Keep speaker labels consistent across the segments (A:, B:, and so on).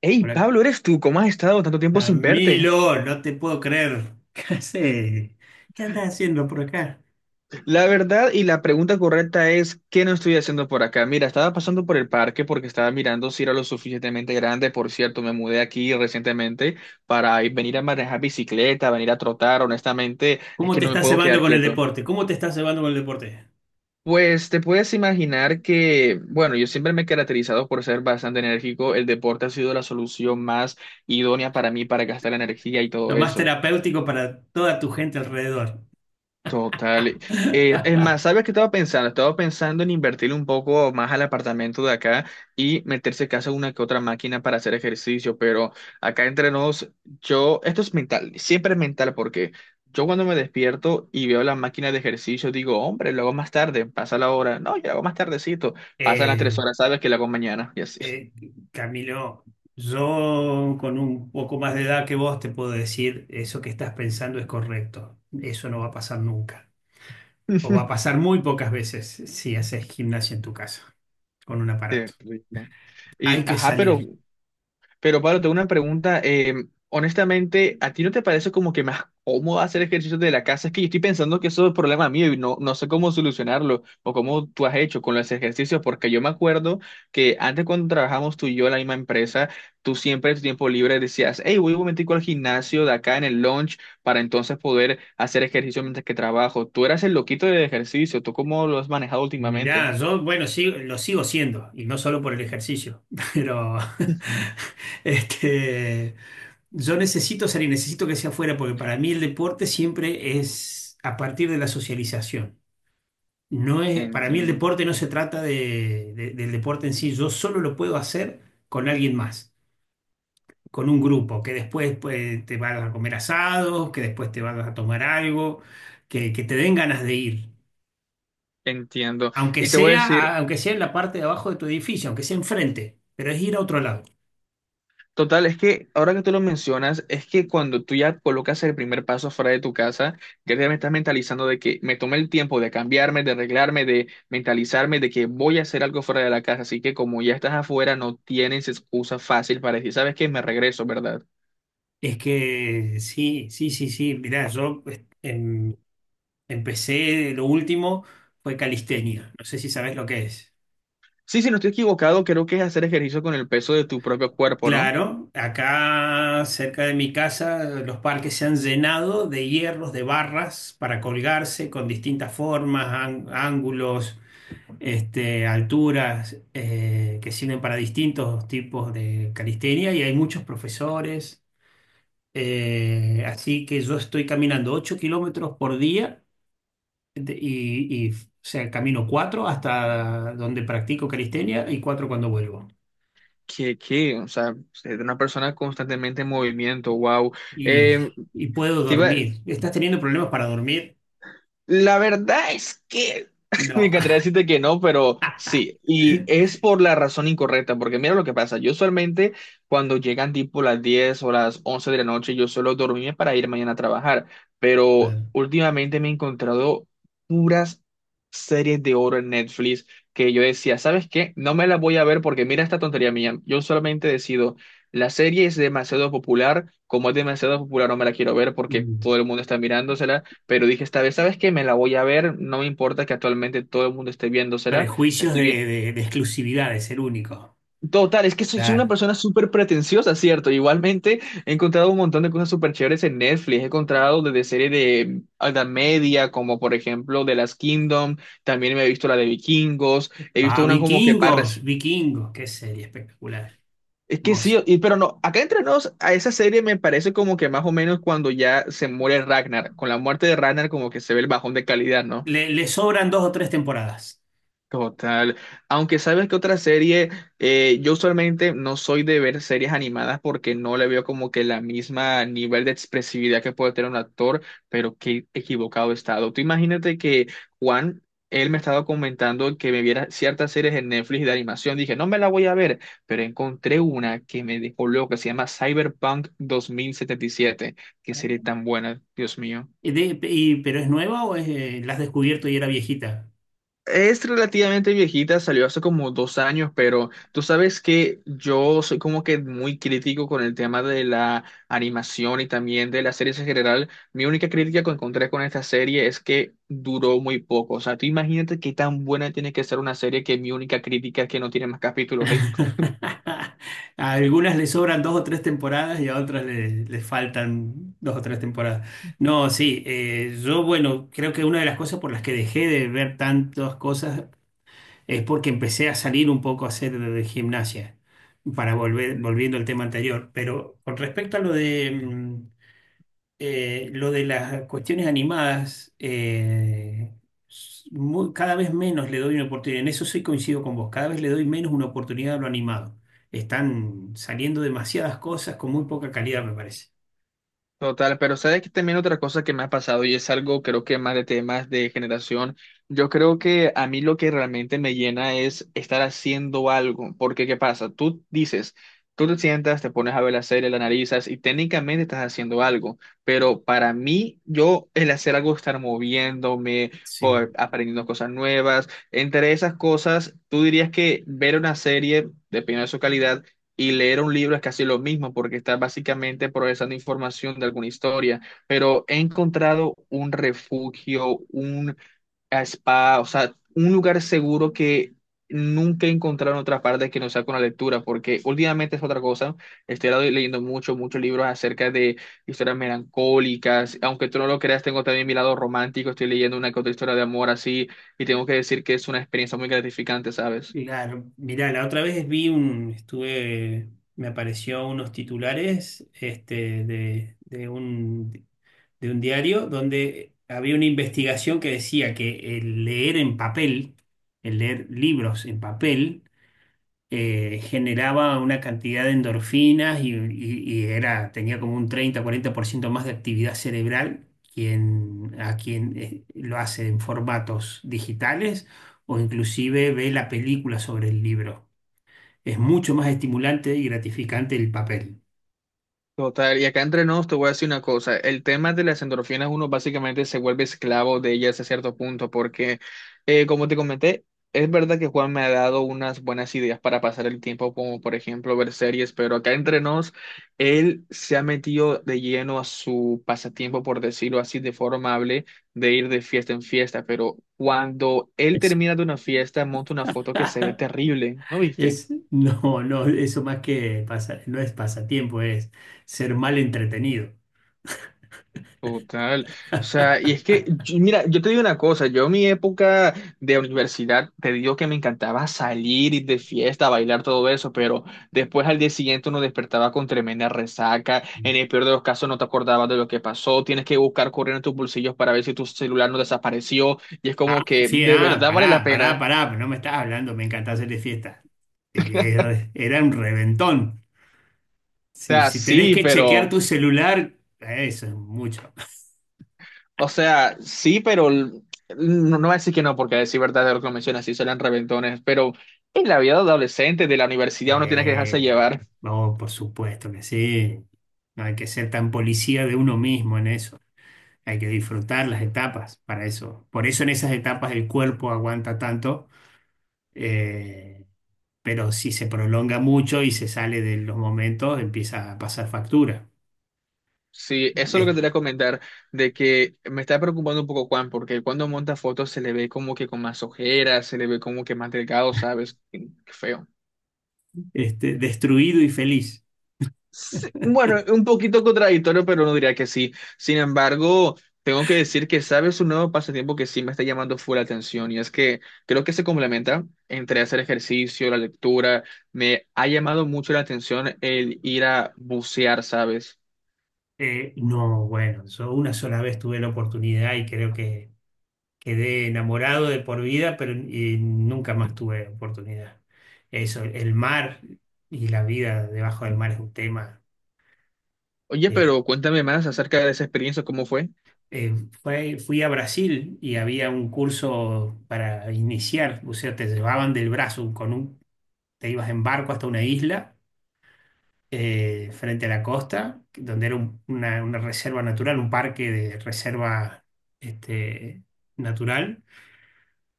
A: Hey,
B: Hola,
A: Pablo, ¿eres tú? ¿Cómo has estado tanto tiempo sin verte?
B: Camilo, no te puedo creer. ¿Qué haces? ¿Qué andas haciendo por acá?
A: La verdad y la pregunta correcta es, ¿qué no estoy haciendo por acá? Mira, estaba pasando por el parque porque estaba mirando si era lo suficientemente grande. Por cierto, me mudé aquí recientemente para venir a manejar bicicleta, venir a trotar. Honestamente, es
B: ¿Cómo
A: que
B: te
A: no me
B: estás
A: puedo
B: cebando
A: quedar
B: con el
A: quieto.
B: deporte? ¿Cómo te estás cebando con el deporte?
A: Pues te puedes imaginar que, bueno, yo siempre me he caracterizado por ser bastante enérgico. El deporte ha sido la solución más idónea para mí para gastar la energía y todo
B: Lo más
A: eso.
B: terapéutico para toda tu gente alrededor.
A: Total. Es más, ¿sabes qué estaba pensando? Estaba pensando en invertir un poco más al apartamento de acá y meterse casa una que otra máquina para hacer ejercicio, pero acá entre nos, yo, esto es mental, siempre es mental porque yo cuando me despierto y veo la máquina de ejercicio digo, hombre, lo hago más tarde, pasa la hora, no, yo lo hago más tardecito, pasan las
B: Eh,
A: 3 horas, ¿sabes que lo hago mañana? Y así.
B: eh, Camilo, yo con un poco más de edad que vos te puedo decir, eso que estás pensando es correcto. Eso no va a pasar nunca. O va a pasar muy pocas veces si haces gimnasia en tu casa con un aparato.
A: Terrible. Y,
B: Hay que
A: ajá,
B: salir.
A: pero Pablo, tengo una pregunta. Honestamente, ¿a ti no te parece como que más cómodo hacer ejercicios de la casa? Es que yo estoy pensando que eso es problema mío y no, no sé cómo solucionarlo o cómo tú has hecho con los ejercicios, porque yo me acuerdo que antes cuando trabajamos tú y yo en la misma empresa, tú siempre en tu tiempo libre decías, hey, voy un momentico al gimnasio de acá en el lunch para entonces poder hacer ejercicio mientras que trabajo. Tú eras el loquito del ejercicio, ¿tú cómo lo has manejado últimamente?
B: Mirá, yo, bueno, sí, lo sigo siendo, y no solo por el ejercicio, pero este, yo necesito salir, necesito que sea afuera, porque para mí el deporte siempre es a partir de la socialización. No es, para mí el
A: Entiendo,
B: deporte no se trata del deporte en sí, yo solo lo puedo hacer con alguien más, con un grupo, que después pues, te vas a comer asados, que después te vas a tomar algo, que te den ganas de ir.
A: entiendo.
B: Aunque
A: Y te voy a
B: sea,
A: decir...
B: aunque sea en la parte de abajo de tu edificio, aunque sea enfrente, pero es ir a otro lado.
A: Total, es que ahora que tú lo mencionas, es que cuando tú ya colocas el primer paso fuera de tu casa, ya te estás mentalizando de que me tomé el tiempo de cambiarme, de arreglarme, de mentalizarme, de que voy a hacer algo fuera de la casa. Así que como ya estás afuera, no tienes excusa fácil para decir, ¿sabes qué? Me regreso, ¿verdad?
B: Es que sí, sí, sí, sí. Mirá, yo pues, empecé, lo último fue calistenia. No sé si sabes lo que es.
A: Sí, si no estoy equivocado, creo que es hacer ejercicio con el peso de tu propio cuerpo, ¿no?
B: Claro, acá cerca de mi casa los parques se han llenado de hierros, de barras para colgarse con distintas formas, ángulos, alturas, que sirven para distintos tipos de calistenia y hay muchos profesores. Así que yo estoy caminando 8 kilómetros por día y, o sea, camino 4 hasta donde practico calistenia y 4 cuando vuelvo.
A: O sea, ser una persona constantemente en movimiento, wow.
B: Y,
A: Eh,
B: y puedo dormir. ¿Estás teniendo problemas para dormir?
A: la verdad es que me
B: No.
A: encantaría decirte que no, pero sí, y es por la razón incorrecta, porque mira lo que pasa, yo usualmente cuando llegan tipo las 10 o las 11 de la noche, yo suelo dormirme para ir mañana a trabajar, pero
B: Claro.
A: últimamente me he encontrado puras series de oro en Netflix que yo decía, ¿sabes qué? No me las voy a ver porque mira esta tontería mía, yo solamente decido, la serie es demasiado popular, como es demasiado popular no me la quiero ver porque
B: Mm.
A: todo el mundo está mirándosela pero dije esta vez, ¿sabes qué? Me la voy a ver, no me importa que actualmente todo el mundo esté viéndosela,
B: Prejuicios
A: estoy bien.
B: de, de exclusividad, de ser único.
A: Total, es que soy una
B: Claro.
A: persona súper pretenciosa, ¿cierto? Igualmente he encontrado un montón de cosas súper chéveres en Netflix, he encontrado desde series de alta media, como por ejemplo The Last Kingdom, también me he visto la de Vikingos, he
B: Ah,
A: visto una como que más
B: vikingos,
A: reci-
B: vikingos, qué serie espectacular,
A: Es que sí,
B: hermosa.
A: pero no, acá entre nos, a esa serie me parece como que más o menos cuando ya se muere Ragnar, con la muerte de Ragnar como que se ve el bajón de calidad, ¿no?
B: Le sobran dos o tres temporadas.
A: Total. Aunque sabes que otra serie, yo usualmente no soy de ver series animadas porque no le veo como que la misma nivel de expresividad que puede tener un actor, pero qué equivocado he estado. Tú imagínate que Juan, él me estaba comentando que me viera ciertas series en Netflix de animación. Dije, no me la voy a ver, pero encontré una que me dejó loco, que se llama Cyberpunk 2077. Qué serie tan buena, Dios mío.
B: ¿Pero es nueva o es, la has descubierto y era viejita?
A: Es relativamente viejita, salió hace como 2 años, pero tú sabes que yo soy como que muy crítico con el tema de la animación y también de las series en general. Mi única crítica que encontré con esta serie es que duró muy poco. O sea, tú imagínate qué tan buena tiene que ser una serie que mi única crítica es que no tiene más capítulos ahí.
B: A algunas les sobran dos o tres temporadas y a otras les, les faltan dos o tres temporadas. No, sí, yo, bueno, creo que una de las cosas por las que dejé de ver tantas cosas es porque empecé a salir un poco a hacer gimnasia, para volver, volviendo al tema anterior. Pero con respecto a lo de, lo de las cuestiones animadas, cada vez menos le doy una oportunidad. En eso sí coincido con vos. Cada vez le doy menos una oportunidad a lo animado. Están saliendo demasiadas cosas con muy poca calidad, me parece.
A: Total, pero sabes que también otra cosa que me ha pasado y es algo creo que más de temas de generación, yo creo que a mí lo que realmente me llena es estar haciendo algo, porque ¿qué pasa? Tú dices, tú te sientas, te pones a ver la serie, la analizas y técnicamente estás haciendo algo, pero para mí yo el hacer algo, estar moviéndome,
B: Sí.
A: aprendiendo cosas nuevas, entre esas cosas, tú dirías que ver una serie, dependiendo de su calidad, y leer un libro es casi lo mismo porque estás básicamente procesando información de alguna historia, pero he encontrado un refugio, un spa, o sea, un lugar seguro que nunca he encontrado en otra parte que no sea con la lectura, porque últimamente es otra cosa, estoy leyendo mucho, muchos libros acerca de historias melancólicas, aunque tú no lo creas, tengo también mi lado romántico, estoy leyendo una que otra historia de amor así, y tengo que decir que es una experiencia muy gratificante, ¿sabes?
B: Claro. Mirá, la otra vez vi un, estuve, me apareció unos titulares, de, de un diario donde había una investigación que decía que el leer en papel, el leer libros en papel, generaba una cantidad de endorfinas y, y era, tenía como un 30 40% más de actividad cerebral quien, a quien lo hace en formatos digitales o inclusive ve la película sobre el libro. Es mucho más estimulante y gratificante el papel.
A: Total, y acá entre nos te voy a decir una cosa, el tema de las endorfinas uno básicamente se vuelve esclavo de ellas a cierto punto porque como te comenté, es verdad que Juan me ha dado unas buenas ideas para pasar el tiempo como por ejemplo ver series, pero acá entre nos él se ha metido de lleno a su pasatiempo por decirlo así de forma amable de ir de fiesta en fiesta, pero cuando él
B: Es,
A: termina de una fiesta monta una foto que se ve terrible, ¿no viste?
B: no, no, eso más que pasa, no es pasatiempo, es ser mal entretenido.
A: Total. O sea, y es que, mira, yo te digo una cosa, yo en mi época de universidad, te digo que me encantaba salir, ir de fiesta, bailar, todo eso, pero después al día siguiente uno despertaba con tremenda resaca, en el peor de los casos no te acordabas de lo que pasó, tienes que buscar correr en tus bolsillos para ver si tu celular no desapareció, y es
B: Ah,
A: como que
B: sí,
A: de
B: ah,
A: verdad vale la
B: pará, pará,
A: pena.
B: pará, pero no me estás hablando, me encanta hacer de fiesta. Era un reventón.
A: O
B: Si,
A: sea,
B: si tenés
A: sí,
B: que chequear
A: pero...
B: tu celular, eso es mucho.
A: O sea, sí, pero no, no voy a decir que no, porque a decir verdad de lo que mencionas, sí salen reventones, pero en la vida de adolescente, de la universidad, uno tiene que dejarse
B: Eh,
A: llevar.
B: no, por supuesto que sí. No hay que ser tan policía de uno mismo en eso. Hay que disfrutar las etapas para eso. Por eso en esas etapas el cuerpo aguanta tanto. eh, pero si se prolonga mucho y se sale de los momentos, empieza a pasar factura.
A: Sí, eso es lo que
B: Es
A: te quería comentar, de que me está preocupando un poco Juan, porque cuando monta fotos se le ve como que con más ojeras, se le ve como que más delgado, ¿sabes? Qué feo.
B: destruido y feliz.
A: Sí, bueno, un poquito contradictorio, pero no diría que sí. Sin embargo, tengo que decir que sabes un nuevo pasatiempo que sí me está llamando full la atención y es que creo que se complementa entre hacer ejercicio, la lectura. Me ha llamado mucho la atención el ir a bucear, ¿sabes?
B: No, bueno, yo una sola vez tuve la oportunidad y creo que quedé enamorado de por vida, pero y nunca más tuve oportunidad. Eso, el mar y la vida debajo del mar es un tema.
A: Oye,
B: Que,
A: pero cuéntame más acerca de esa experiencia, ¿cómo fue?
B: eh, fui a Brasil y había un curso para iniciar, o sea, te llevaban del brazo con un, te ibas en barco hasta una isla frente a la costa, donde era una reserva natural, un parque de reserva este, natural,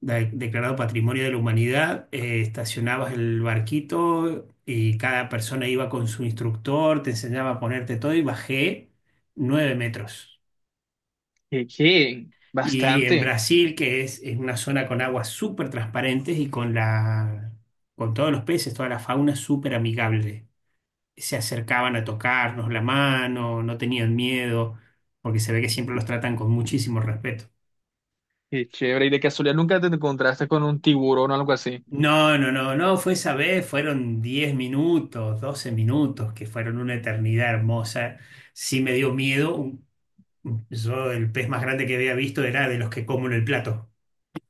B: declarado Patrimonio de la Humanidad. Estacionabas el barquito y cada persona iba con su instructor, te enseñaba a ponerte todo y bajé 9 metros.
A: ¿Qué, qué?
B: Y en
A: Bastante.
B: Brasil, que es una zona con aguas súper transparentes y con la, con todos los peces, toda la fauna súper amigable. Se acercaban a tocarnos la mano, no tenían miedo, porque se ve que siempre los tratan con muchísimo respeto.
A: Qué chévere. ¿Y de casualidad nunca te encontraste con un tiburón o algo así?
B: No, no, no, no, fue esa vez, fueron 10 minutos, 12 minutos, que fueron una eternidad hermosa. Sí me dio miedo. Yo el pez más grande que había visto era de los que como en el plato.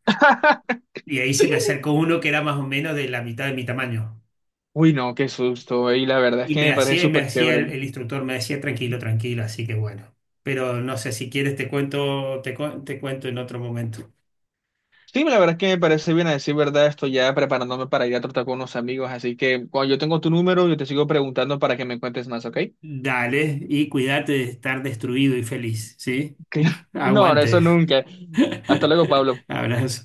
B: Y ahí se me acercó uno que era más o menos de la mitad de mi tamaño.
A: Uy, no, qué susto. Y la verdad es que me parece
B: Y me
A: súper
B: hacía,
A: chévere.
B: el instructor me decía, tranquilo, tranquilo, así que bueno. Pero no sé, si quieres te cuento, te cuento en otro momento.
A: Sí, la verdad es que me parece bien a decir verdad, estoy ya preparándome para ir a tratar con unos amigos, así que cuando yo tengo tu número, yo te sigo preguntando para que me cuentes más, ¿ok?
B: Dale y cuídate de estar destruido y feliz, ¿sí?
A: No, no, eso
B: Aguante.
A: nunca. Hasta luego, Pablo.
B: Abrazo.